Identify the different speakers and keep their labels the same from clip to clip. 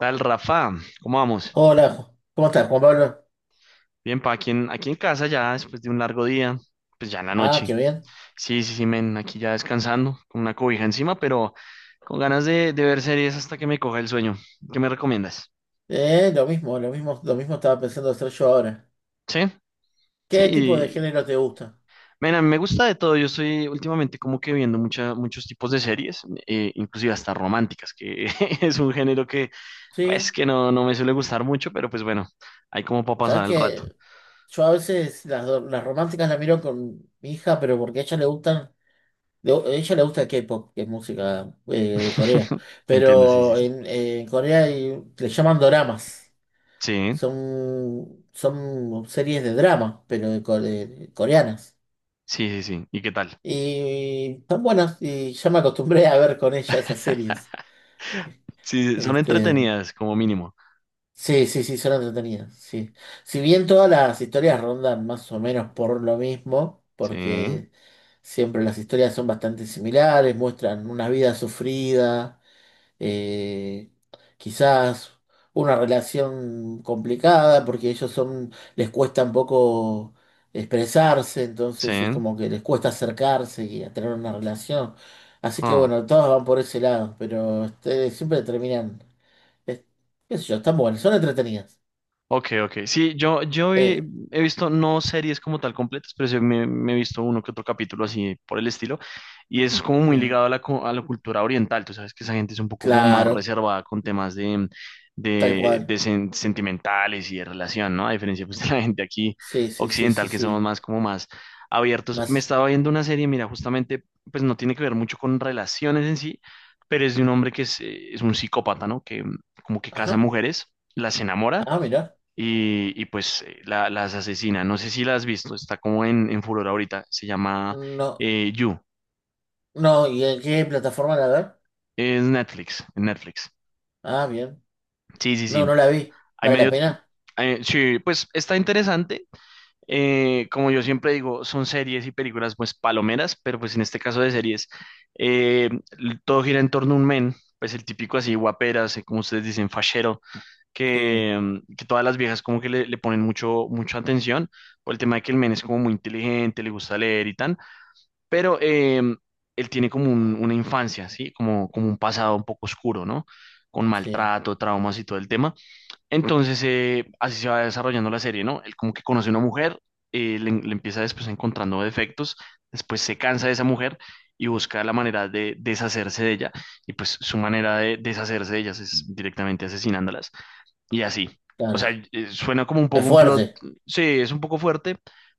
Speaker 1: Tal Rafa, ¿cómo vamos?
Speaker 2: Hola, ¿cómo estás, Juan Pablo?
Speaker 1: Bien, pa, aquí aquí en casa ya después de un largo día, pues ya en la
Speaker 2: Ah,
Speaker 1: noche.
Speaker 2: qué bien.
Speaker 1: Sí, sí, sí, men, aquí ya descansando, con una cobija encima, pero con ganas de ver series hasta que me coja el sueño. ¿Qué me recomiendas?
Speaker 2: Lo mismo estaba pensando hacer yo ahora.
Speaker 1: Sí, sí,
Speaker 2: ¿Qué tipo de
Speaker 1: y,
Speaker 2: género te gusta?
Speaker 1: men, a mí me gusta de todo. Yo estoy últimamente como que viendo muchos tipos de series, inclusive hasta románticas, que es un género que, pues,
Speaker 2: Sí,
Speaker 1: que no me suele gustar mucho, pero pues bueno, hay como para
Speaker 2: sabes
Speaker 1: pasar el rato.
Speaker 2: que yo a veces las románticas las miro con mi hija, pero porque a ella le gustan, a ella le gusta el K-pop, que es música de Corea.
Speaker 1: Entiendo, sí, sí,
Speaker 2: Pero
Speaker 1: sí.
Speaker 2: en Corea le llaman doramas.
Speaker 1: Sí.
Speaker 2: Son, son series de drama, pero coreanas.
Speaker 1: Sí, sí, sí. ¿Y qué tal?
Speaker 2: Y tan buenas, y ya me acostumbré a ver con ella esas series.
Speaker 1: Sí, son
Speaker 2: Este,
Speaker 1: entretenidas como mínimo.
Speaker 2: sí, sí, sí, son entretenidas, sí. Si bien todas las historias rondan más o menos por lo mismo,
Speaker 1: Sí,
Speaker 2: porque siempre las historias son bastante similares, muestran una vida sufrida, eh, quizás una relación complicada porque ellos son, les cuesta un poco expresarse,
Speaker 1: sí.
Speaker 2: entonces es como que les cuesta acercarse y a tener una relación. Así que
Speaker 1: Huh.
Speaker 2: bueno, todos van por ese lado, pero este, siempre terminan, es- qué sé yo, están buenas, son entretenidas.
Speaker 1: Ok, ok. Sí,
Speaker 2: Eh,
Speaker 1: he visto no series como tal completas, pero sí me he visto uno que otro capítulo así por el estilo. Y es como muy
Speaker 2: eh,
Speaker 1: ligado a a la cultura oriental. Tú sabes que esa gente es un poco como más
Speaker 2: claro,
Speaker 1: reservada con temas de,
Speaker 2: tal
Speaker 1: de, de
Speaker 2: cual.
Speaker 1: sen- sentimentales y de relación, ¿no? A diferencia, pues, de la gente aquí
Speaker 2: Sí, sí, sí, sí,
Speaker 1: occidental, que somos
Speaker 2: sí.
Speaker 1: más como más abiertos. Me
Speaker 2: Más.
Speaker 1: estaba viendo una serie, mira, justamente, pues no tiene que ver mucho con relaciones en sí, pero es de un hombre que es un psicópata, ¿no? Que como que casa
Speaker 2: Ajá.
Speaker 1: mujeres, las enamora
Speaker 2: Ah, mira.
Speaker 1: y las asesina. No sé si la has visto, está como en furor ahorita. Se llama
Speaker 2: No,
Speaker 1: You.
Speaker 2: no, ¿y en qué plataforma la ver?
Speaker 1: Es Netflix, en Netflix.
Speaker 2: Ah, bien.
Speaker 1: Sí, sí,
Speaker 2: No,
Speaker 1: sí.
Speaker 2: no la vi.
Speaker 1: Hay
Speaker 2: ¿Vale la
Speaker 1: medio,
Speaker 2: pena?
Speaker 1: sí, pues está interesante. Como yo siempre digo, son series y películas pues palomeras, pero pues en este caso de series, eh, todo gira en torno a un men, pues el típico así guaperas, como ustedes dicen, fachero,
Speaker 2: Sí,
Speaker 1: que, mm, que todas las viejas como que le ponen mucha atención por el tema de que el men es como muy inteligente, le gusta leer y tal. Pero él tiene como una infancia, ¿sí? Como, como un pasado un poco oscuro, ¿no? Con
Speaker 2: sí,
Speaker 1: maltrato, traumas y todo el tema. Entonces, así se va desarrollando la serie, ¿no? Él como que conoce a una mujer, le empieza después encontrando defectos, después se cansa de esa mujer y busca la manera de deshacerse de ella. Y pues su manera de deshacerse de ellas es directamente asesinándolas y así. O sea,
Speaker 2: claro.
Speaker 1: suena como un
Speaker 2: Es
Speaker 1: poco un plot,
Speaker 2: fuerte.
Speaker 1: sí, es un poco fuerte,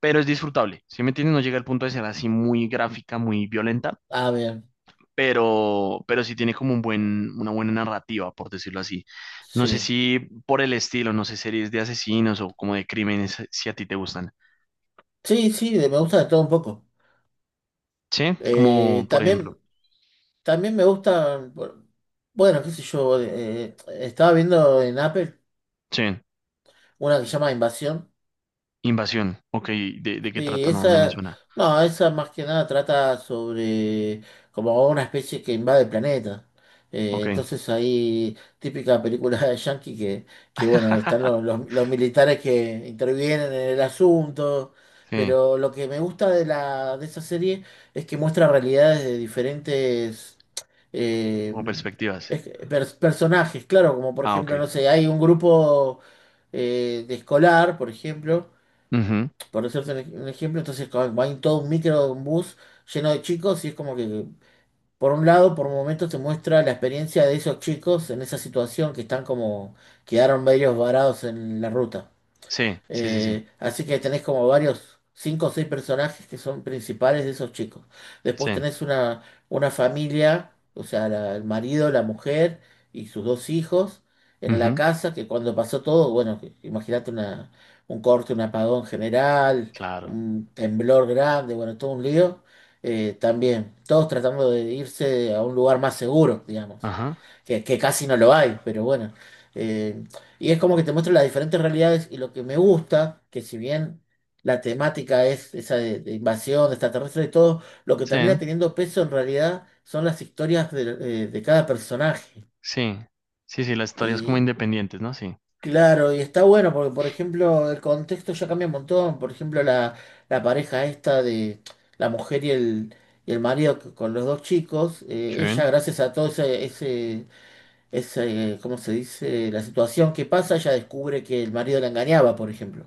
Speaker 1: pero es disfrutable. Sí me entiendes, no llega al punto de ser así muy gráfica, muy violenta,
Speaker 2: Ah, bien.
Speaker 1: pero sí tiene como un una buena narrativa, por decirlo así. No sé
Speaker 2: Sí.
Speaker 1: si por el estilo, no sé, series de asesinos o como de crímenes, si a ti te gustan.
Speaker 2: Sí, sí, me gusta de todo un poco.
Speaker 1: Sí, como por ejemplo,
Speaker 2: También, también me gustan, bueno, qué sé yo, estaba viendo en Apple
Speaker 1: sí,
Speaker 2: una que se llama Invasión.
Speaker 1: Invasión. Ok, de qué
Speaker 2: Sí,
Speaker 1: trata? No, no me
Speaker 2: esa,
Speaker 1: suena.
Speaker 2: no, esa más que nada trata sobre como una especie que invade el planeta.
Speaker 1: Ok.
Speaker 2: Entonces ahí, típica película de Yankee que bueno, están los militares que intervienen en el asunto,
Speaker 1: Sí,
Speaker 2: pero lo que me gusta de esa serie es que muestra realidades de diferentes eh,
Speaker 1: como perspectivas.
Speaker 2: personajes, claro, como por
Speaker 1: Ah, ok.
Speaker 2: ejemplo, no sé, hay un grupo de escolar, por ejemplo,
Speaker 1: Ujú.
Speaker 2: por decirte un ejemplo, entonces va en todo un micro, un bus lleno de chicos y es como que, por un lado, por momentos te muestra la experiencia de esos chicos en esa situación que están como, quedaron medios varados en la ruta.
Speaker 1: Sí, sí, sí, sí.
Speaker 2: Así que tenés como varios, cinco o seis personajes que son principales de esos chicos.
Speaker 1: Sí.
Speaker 2: Después tenés una familia, o sea, el marido, la mujer y sus dos hijos en la
Speaker 1: Ujú.
Speaker 2: casa, que cuando pasó todo, bueno, imagínate una, un corte, un apagón general,
Speaker 1: Claro.
Speaker 2: un temblor grande, bueno, todo un lío. También, todos tratando de irse a un lugar más seguro, digamos,
Speaker 1: Ajá.
Speaker 2: que casi no lo hay, pero bueno. eh, y es como que te muestra las diferentes realidades y lo que me gusta, que si bien la temática es esa de invasión extraterrestre y todo, lo que termina
Speaker 1: Sí,
Speaker 2: teniendo peso en realidad son las historias de cada personaje.
Speaker 1: sí. Sí, sí, las historias como
Speaker 2: Y
Speaker 1: independientes, ¿no? Sí.
Speaker 2: claro, y está bueno porque, por ejemplo, el contexto ya cambia un montón. Por ejemplo, la pareja esta de la mujer y el marido con los dos chicos,
Speaker 1: Schön.
Speaker 2: ella gracias a todo ese, ese es, ¿cómo se dice? La situación que pasa, ella descubre que el marido la engañaba, por ejemplo.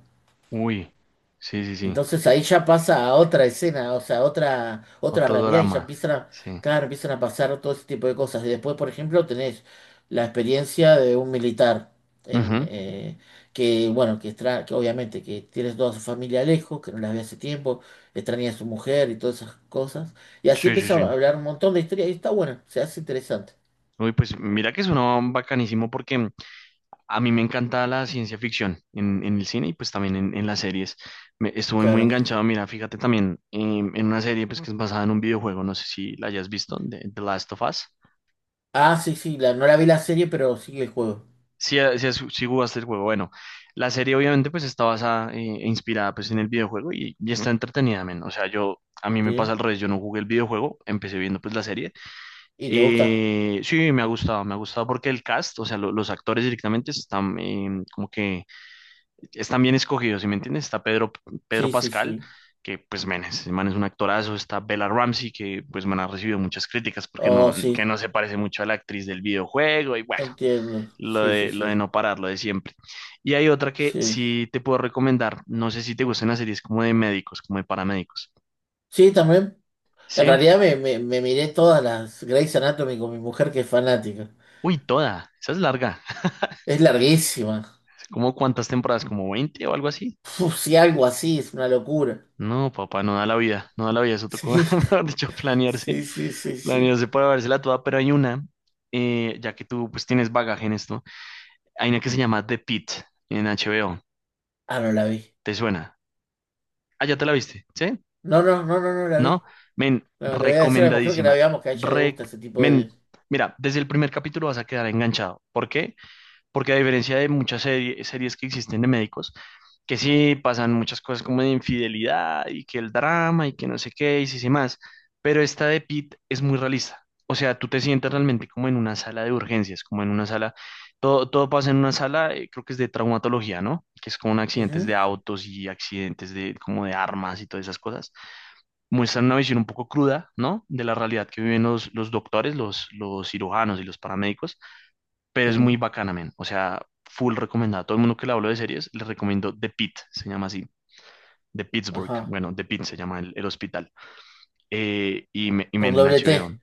Speaker 1: Uy. Sí, sí, sí.
Speaker 2: Entonces ahí ya pasa a otra escena, o sea, a otra, otra
Speaker 1: Otro
Speaker 2: realidad y ya
Speaker 1: drama.
Speaker 2: empiezan a,
Speaker 1: Sí.
Speaker 2: claro, empiezan a pasar todo ese tipo de cosas. Y después, por ejemplo, tenés la experiencia de un militar en,
Speaker 1: Ujú.
Speaker 2: que, bueno, que, que obviamente que tiene toda su familia lejos, que no las ve hace tiempo, extraña a su mujer y todas esas cosas. Y así
Speaker 1: Sí, sí,
Speaker 2: empiezan
Speaker 1: sí.
Speaker 2: a hablar un montón de historias y está bueno, se hace interesante.
Speaker 1: Uy, pues mira que suena bacanísimo porque a mí me encanta la ciencia ficción en el cine y pues también en las series. Estuve muy
Speaker 2: Claro.
Speaker 1: enganchado, mira, fíjate también en una serie pues que es basada en un videojuego, no sé si la hayas visto, de The Last of Us.
Speaker 2: Ah, sí, sí, la, no la vi la serie, pero sí el juego.
Speaker 1: Si si si jugaste el juego. Bueno, la serie obviamente pues está basada, e inspirada pues en el videojuego y está entretenida, men. O sea, yo, a mí me pasa
Speaker 2: ¿Sí?
Speaker 1: al revés, yo no jugué el videojuego, empecé viendo pues la serie.
Speaker 2: ¿Y te gusta?
Speaker 1: Sí, me ha gustado porque el cast, o sea, los actores directamente están como que están bien escogidos, ¿sí me entiendes? Está Pedro, Pedro
Speaker 2: Sí, sí,
Speaker 1: Pascal,
Speaker 2: sí.
Speaker 1: que pues, men, ese man es un actorazo, está Bella Ramsey, que pues, man, ha recibido muchas críticas porque no,
Speaker 2: Oh,
Speaker 1: que
Speaker 2: sí,
Speaker 1: no se parece mucho a la actriz del videojuego y bueno.
Speaker 2: entiendo. Sí, sí,
Speaker 1: Lo de
Speaker 2: sí.
Speaker 1: no parar, lo de siempre. Y hay otra que
Speaker 2: Sí,
Speaker 1: sí te puedo recomendar. No sé si te gustan las series como de médicos, como de paramédicos.
Speaker 2: sí, también. En
Speaker 1: ¿Sí?
Speaker 2: realidad me miré todas las Grey's Anatomy con mi mujer que es fanática.
Speaker 1: Uy, toda. Esa es larga.
Speaker 2: Es larguísima.
Speaker 1: ¿Cómo cuántas temporadas? ¿Como 20 o algo así?
Speaker 2: Uf, sí, algo así, es una locura.
Speaker 1: No, papá, no da la vida. No da la vida. Eso tocó,
Speaker 2: Sí,
Speaker 1: mejor dicho, planearse.
Speaker 2: sí, sí, sí, sí.
Speaker 1: Planearse para vérsela toda. Pero hay una, ya que tú pues tienes bagaje en esto. Hay una que se llama The Pitt en HBO.
Speaker 2: Ah, no la vi.
Speaker 1: ¿Te suena? Ah, ya te la viste. ¿Sí?
Speaker 2: No, no, no, no, no la
Speaker 1: ¿No?
Speaker 2: vi.
Speaker 1: Men,
Speaker 2: No, le voy a decir a mi mujer que la
Speaker 1: recomendadísima.
Speaker 2: veamos, que a ella le
Speaker 1: Re-
Speaker 2: gusta ese tipo
Speaker 1: Men,
Speaker 2: de...
Speaker 1: mira, desde el primer capítulo vas a quedar enganchado. ¿Por qué? Porque a diferencia de muchas series que existen de médicos, que sí pasan muchas cosas como de infidelidad y que el drama y que no sé qué y sí, sí más, pero esta de Pete es muy realista. O sea, tú te sientes realmente como en una sala de urgencias, como en una sala, todo, todo pasa en una sala, creo que es de traumatología, ¿no? Que es como en accidentes
Speaker 2: Ujú,
Speaker 1: de autos y accidentes de como de armas y todas esas cosas. Muestran una visión un poco cruda, ¿no? De la realidad que viven los doctores, los cirujanos y los paramédicos, pero es
Speaker 2: sí,
Speaker 1: muy bacana, men. O sea, full recomendada. A todo el mundo que le hablo de series, les recomiendo The Pitt, se llama así, de Pittsburgh.
Speaker 2: ajá.
Speaker 1: Bueno, The Pitt se llama el hospital. Y
Speaker 2: Con
Speaker 1: men, en
Speaker 2: doble T.
Speaker 1: HBO.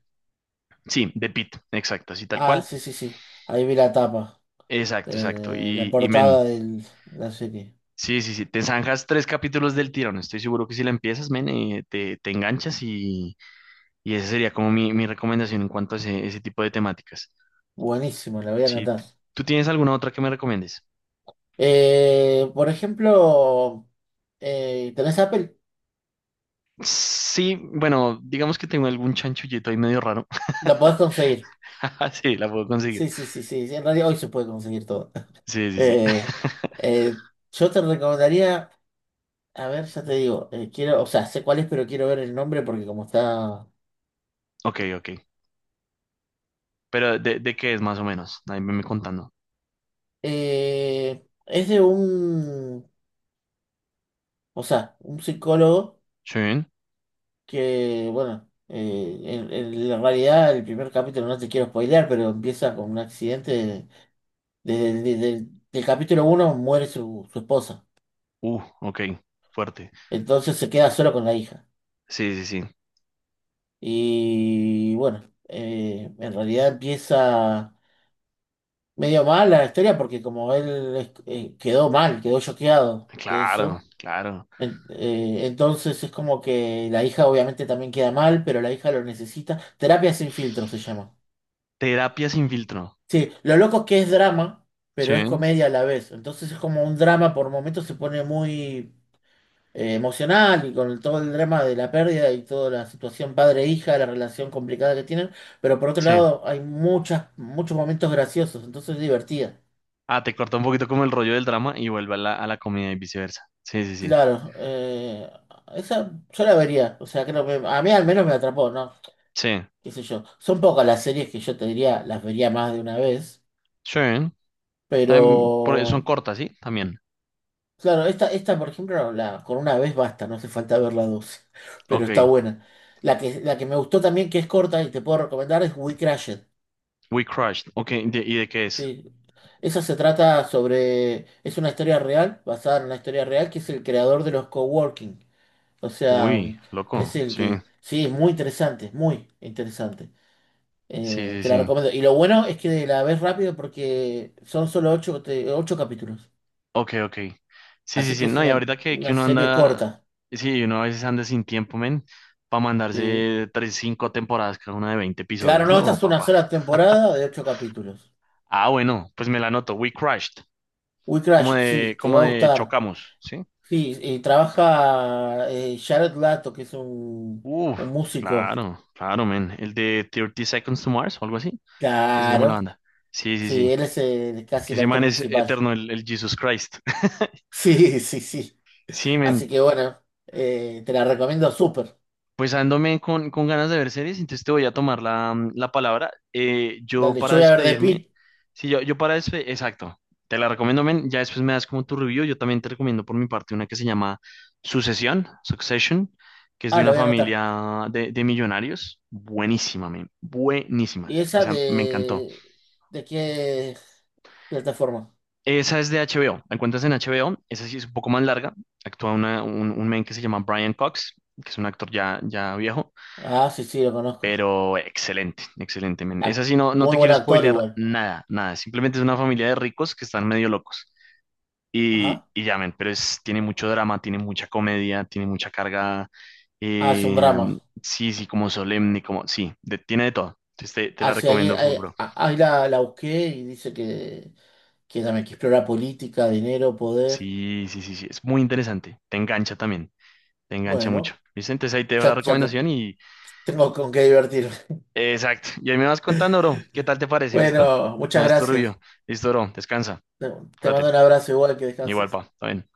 Speaker 1: Sí, The Pitt, exacto, así tal
Speaker 2: Ah,
Speaker 1: cual.
Speaker 2: sí, sí, sí. Ahí vi la tapa,
Speaker 1: Exacto, exacto.
Speaker 2: la
Speaker 1: Y men.
Speaker 2: portada de la serie.
Speaker 1: Sí, sí, sí, te zanjas tres capítulos del tirón. Estoy seguro que si la empiezas, men, te enganchas y esa sería como mi recomendación en cuanto a ese tipo de temáticas.
Speaker 2: Buenísimo, la voy a
Speaker 1: Sí,
Speaker 2: anotar.
Speaker 1: ¿tú tienes alguna otra que me recomiendes?
Speaker 2: Por ejemplo, ¿tenés Apple?
Speaker 1: Sí, bueno, digamos que tengo algún chanchullito ahí medio raro.
Speaker 2: La podés conseguir.
Speaker 1: Sí, la puedo conseguir.
Speaker 2: Sí, sí, sí, sí, sí, en realidad hoy se puede conseguir todo.
Speaker 1: Sí, sí, sí.
Speaker 2: Eh, yo te recomendaría, a ver, ya te digo, quiero, o sea, sé cuál es, pero quiero ver el nombre porque como está...
Speaker 1: Ok, ok. Pero de qué es más o menos? Ahí me contando.
Speaker 2: Es de un, o sea, un psicólogo,
Speaker 1: Sí.
Speaker 2: que, bueno, en la realidad el primer capítulo no te quiero spoilear, pero empieza con un accidente. Desde el del capítulo uno muere su, su esposa.
Speaker 1: Ok. Fuerte.
Speaker 2: Entonces se queda solo con la hija.
Speaker 1: Sí, sí, sí.
Speaker 2: Y bueno, en realidad empieza medio mal la historia porque como él quedó mal, quedó choqueado de
Speaker 1: Claro,
Speaker 2: eso.
Speaker 1: claro.
Speaker 2: Entonces es como que la hija obviamente también queda mal, pero la hija lo necesita. Terapia sin filtro se llama.
Speaker 1: Terapia sin filtro.
Speaker 2: Sí, lo loco es que es drama, pero es
Speaker 1: Sí,
Speaker 2: comedia a la vez. Entonces es como un drama, por momentos se pone muy emocional y con todo el drama de la pérdida y toda la situación padre-hija, la relación complicada que tienen, pero por otro
Speaker 1: sí.
Speaker 2: lado hay muchos momentos graciosos, entonces es divertida.
Speaker 1: Ah, te corta un poquito como el rollo del drama y vuelve a a la comedia y viceversa. Sí, sí, sí.
Speaker 2: Claro, esa yo la vería, o sea, creo que a mí al menos me atrapó, ¿no?
Speaker 1: Sí.
Speaker 2: ¿Qué sé yo? Son pocas las series que yo te diría, las vería más de una vez,
Speaker 1: Sí. También, son
Speaker 2: pero...
Speaker 1: cortas, ¿sí? También.
Speaker 2: Claro, esta, por ejemplo, la, con una vez basta, no hace falta ver la dos, pero
Speaker 1: Ok.
Speaker 2: está buena. La que me gustó también, que es corta y te puedo recomendar, es We Crashed.
Speaker 1: We crashed, ok, ¿y de qué es?
Speaker 2: Sí. Esa se trata sobre, es una historia real, basada en una historia real, que es el creador de los coworking. O sea,
Speaker 1: Uy,
Speaker 2: es
Speaker 1: loco.
Speaker 2: el
Speaker 1: Sí,
Speaker 2: que, sí, es muy interesante, es muy interesante.
Speaker 1: sí, sí,
Speaker 2: Te la
Speaker 1: sí.
Speaker 2: recomiendo. Y lo bueno es que la ves rápido porque son solo ocho capítulos.
Speaker 1: Ok, ok. Sí, sí,
Speaker 2: Así
Speaker 1: sí.
Speaker 2: que es
Speaker 1: No, y ahorita que
Speaker 2: una
Speaker 1: uno
Speaker 2: serie
Speaker 1: anda,
Speaker 2: corta.
Speaker 1: sí, uno a veces anda sin tiempo, men, para
Speaker 2: ¿Sí?
Speaker 1: mandarse tres, cinco temporadas, cada una de 20
Speaker 2: Claro,
Speaker 1: episodios.
Speaker 2: no, esta
Speaker 1: No,
Speaker 2: es una
Speaker 1: papá.
Speaker 2: sola temporada de ocho capítulos.
Speaker 1: Ah, bueno, pues me la anoto. We crashed,
Speaker 2: We
Speaker 1: como
Speaker 2: Crash, sí,
Speaker 1: de,
Speaker 2: te va
Speaker 1: como
Speaker 2: a
Speaker 1: de
Speaker 2: gustar.
Speaker 1: chocamos, ¿sí?
Speaker 2: Sí, trabaja Jared Lato, que es
Speaker 1: Uf,
Speaker 2: un músico.
Speaker 1: claro, claro, men. El de Thirty Seconds to Mars o algo así, ¿qué se llama la
Speaker 2: Claro,
Speaker 1: banda? Sí, sí, sí.
Speaker 2: sí, él es casi
Speaker 1: Que
Speaker 2: el
Speaker 1: ese
Speaker 2: actor
Speaker 1: man es
Speaker 2: principal.
Speaker 1: eterno, el Jesus Christ.
Speaker 2: Sí, sí, sí.
Speaker 1: Sí, men.
Speaker 2: Así que bueno, te la recomiendo súper.
Speaker 1: Pues ándome con ganas de ver series, entonces te voy a tomar la, mm, la palabra.
Speaker 2: Dale, yo voy a ver The Pitt.
Speaker 1: Yo para despedirme, exacto, te la recomiendo, men, ya después me das como tu review, yo también te recomiendo por mi parte una que se llama Sucesión, Succession, que es de
Speaker 2: Ah, la
Speaker 1: una
Speaker 2: voy a anotar.
Speaker 1: familia de millonarios, buenísima, men, buenísima,
Speaker 2: ¿Y esa
Speaker 1: esa me encantó.
Speaker 2: de qué plataforma?
Speaker 1: Esa es de HBO, la encuentras en HBO, esa sí es un poco más larga, actúa un men que se llama Brian Cox, que es un actor ya, ya viejo.
Speaker 2: Ah, sí, sí, lo conozco.
Speaker 1: Pero excelente, excelente. Men. Esa
Speaker 2: Ah,
Speaker 1: sí, no, no
Speaker 2: muy
Speaker 1: te
Speaker 2: buen
Speaker 1: quiero
Speaker 2: actor
Speaker 1: spoilear
Speaker 2: igual.
Speaker 1: nada, nada. Simplemente es una familia de ricos que están medio locos. Y,
Speaker 2: Ajá.
Speaker 1: y ya, men, pero es, tiene mucho drama, tiene mucha comedia, tiene mucha carga.
Speaker 2: Ah, es un
Speaker 1: eh,
Speaker 2: drama.
Speaker 1: sí, sí, como solemne, como. Sí, de- tiene de todo. Entonces te la
Speaker 2: Ah, sí,
Speaker 1: recomiendo full, bro.
Speaker 2: ahí la, la busqué y dice que también que explora política, dinero, poder.
Speaker 1: Sí, sí, sí, sí. Es muy interesante. Te engancha también. Te engancha mucho.
Speaker 2: Bueno,
Speaker 1: ¿Viste? Entonces ahí te dejo la
Speaker 2: ya, ya te-
Speaker 1: recomendación y.
Speaker 2: tengo con qué divertirme.
Speaker 1: Exacto. Y ahí me vas contando, bro. ¿Qué tal te parece? ¿Listo?
Speaker 2: Bueno,
Speaker 1: Me
Speaker 2: muchas
Speaker 1: das tu review.
Speaker 2: gracias.
Speaker 1: Listo, bro. Descansa.
Speaker 2: Te te mando
Speaker 1: Cuídate.
Speaker 2: un abrazo igual que
Speaker 1: Igual,
Speaker 2: descanses.
Speaker 1: pa, también.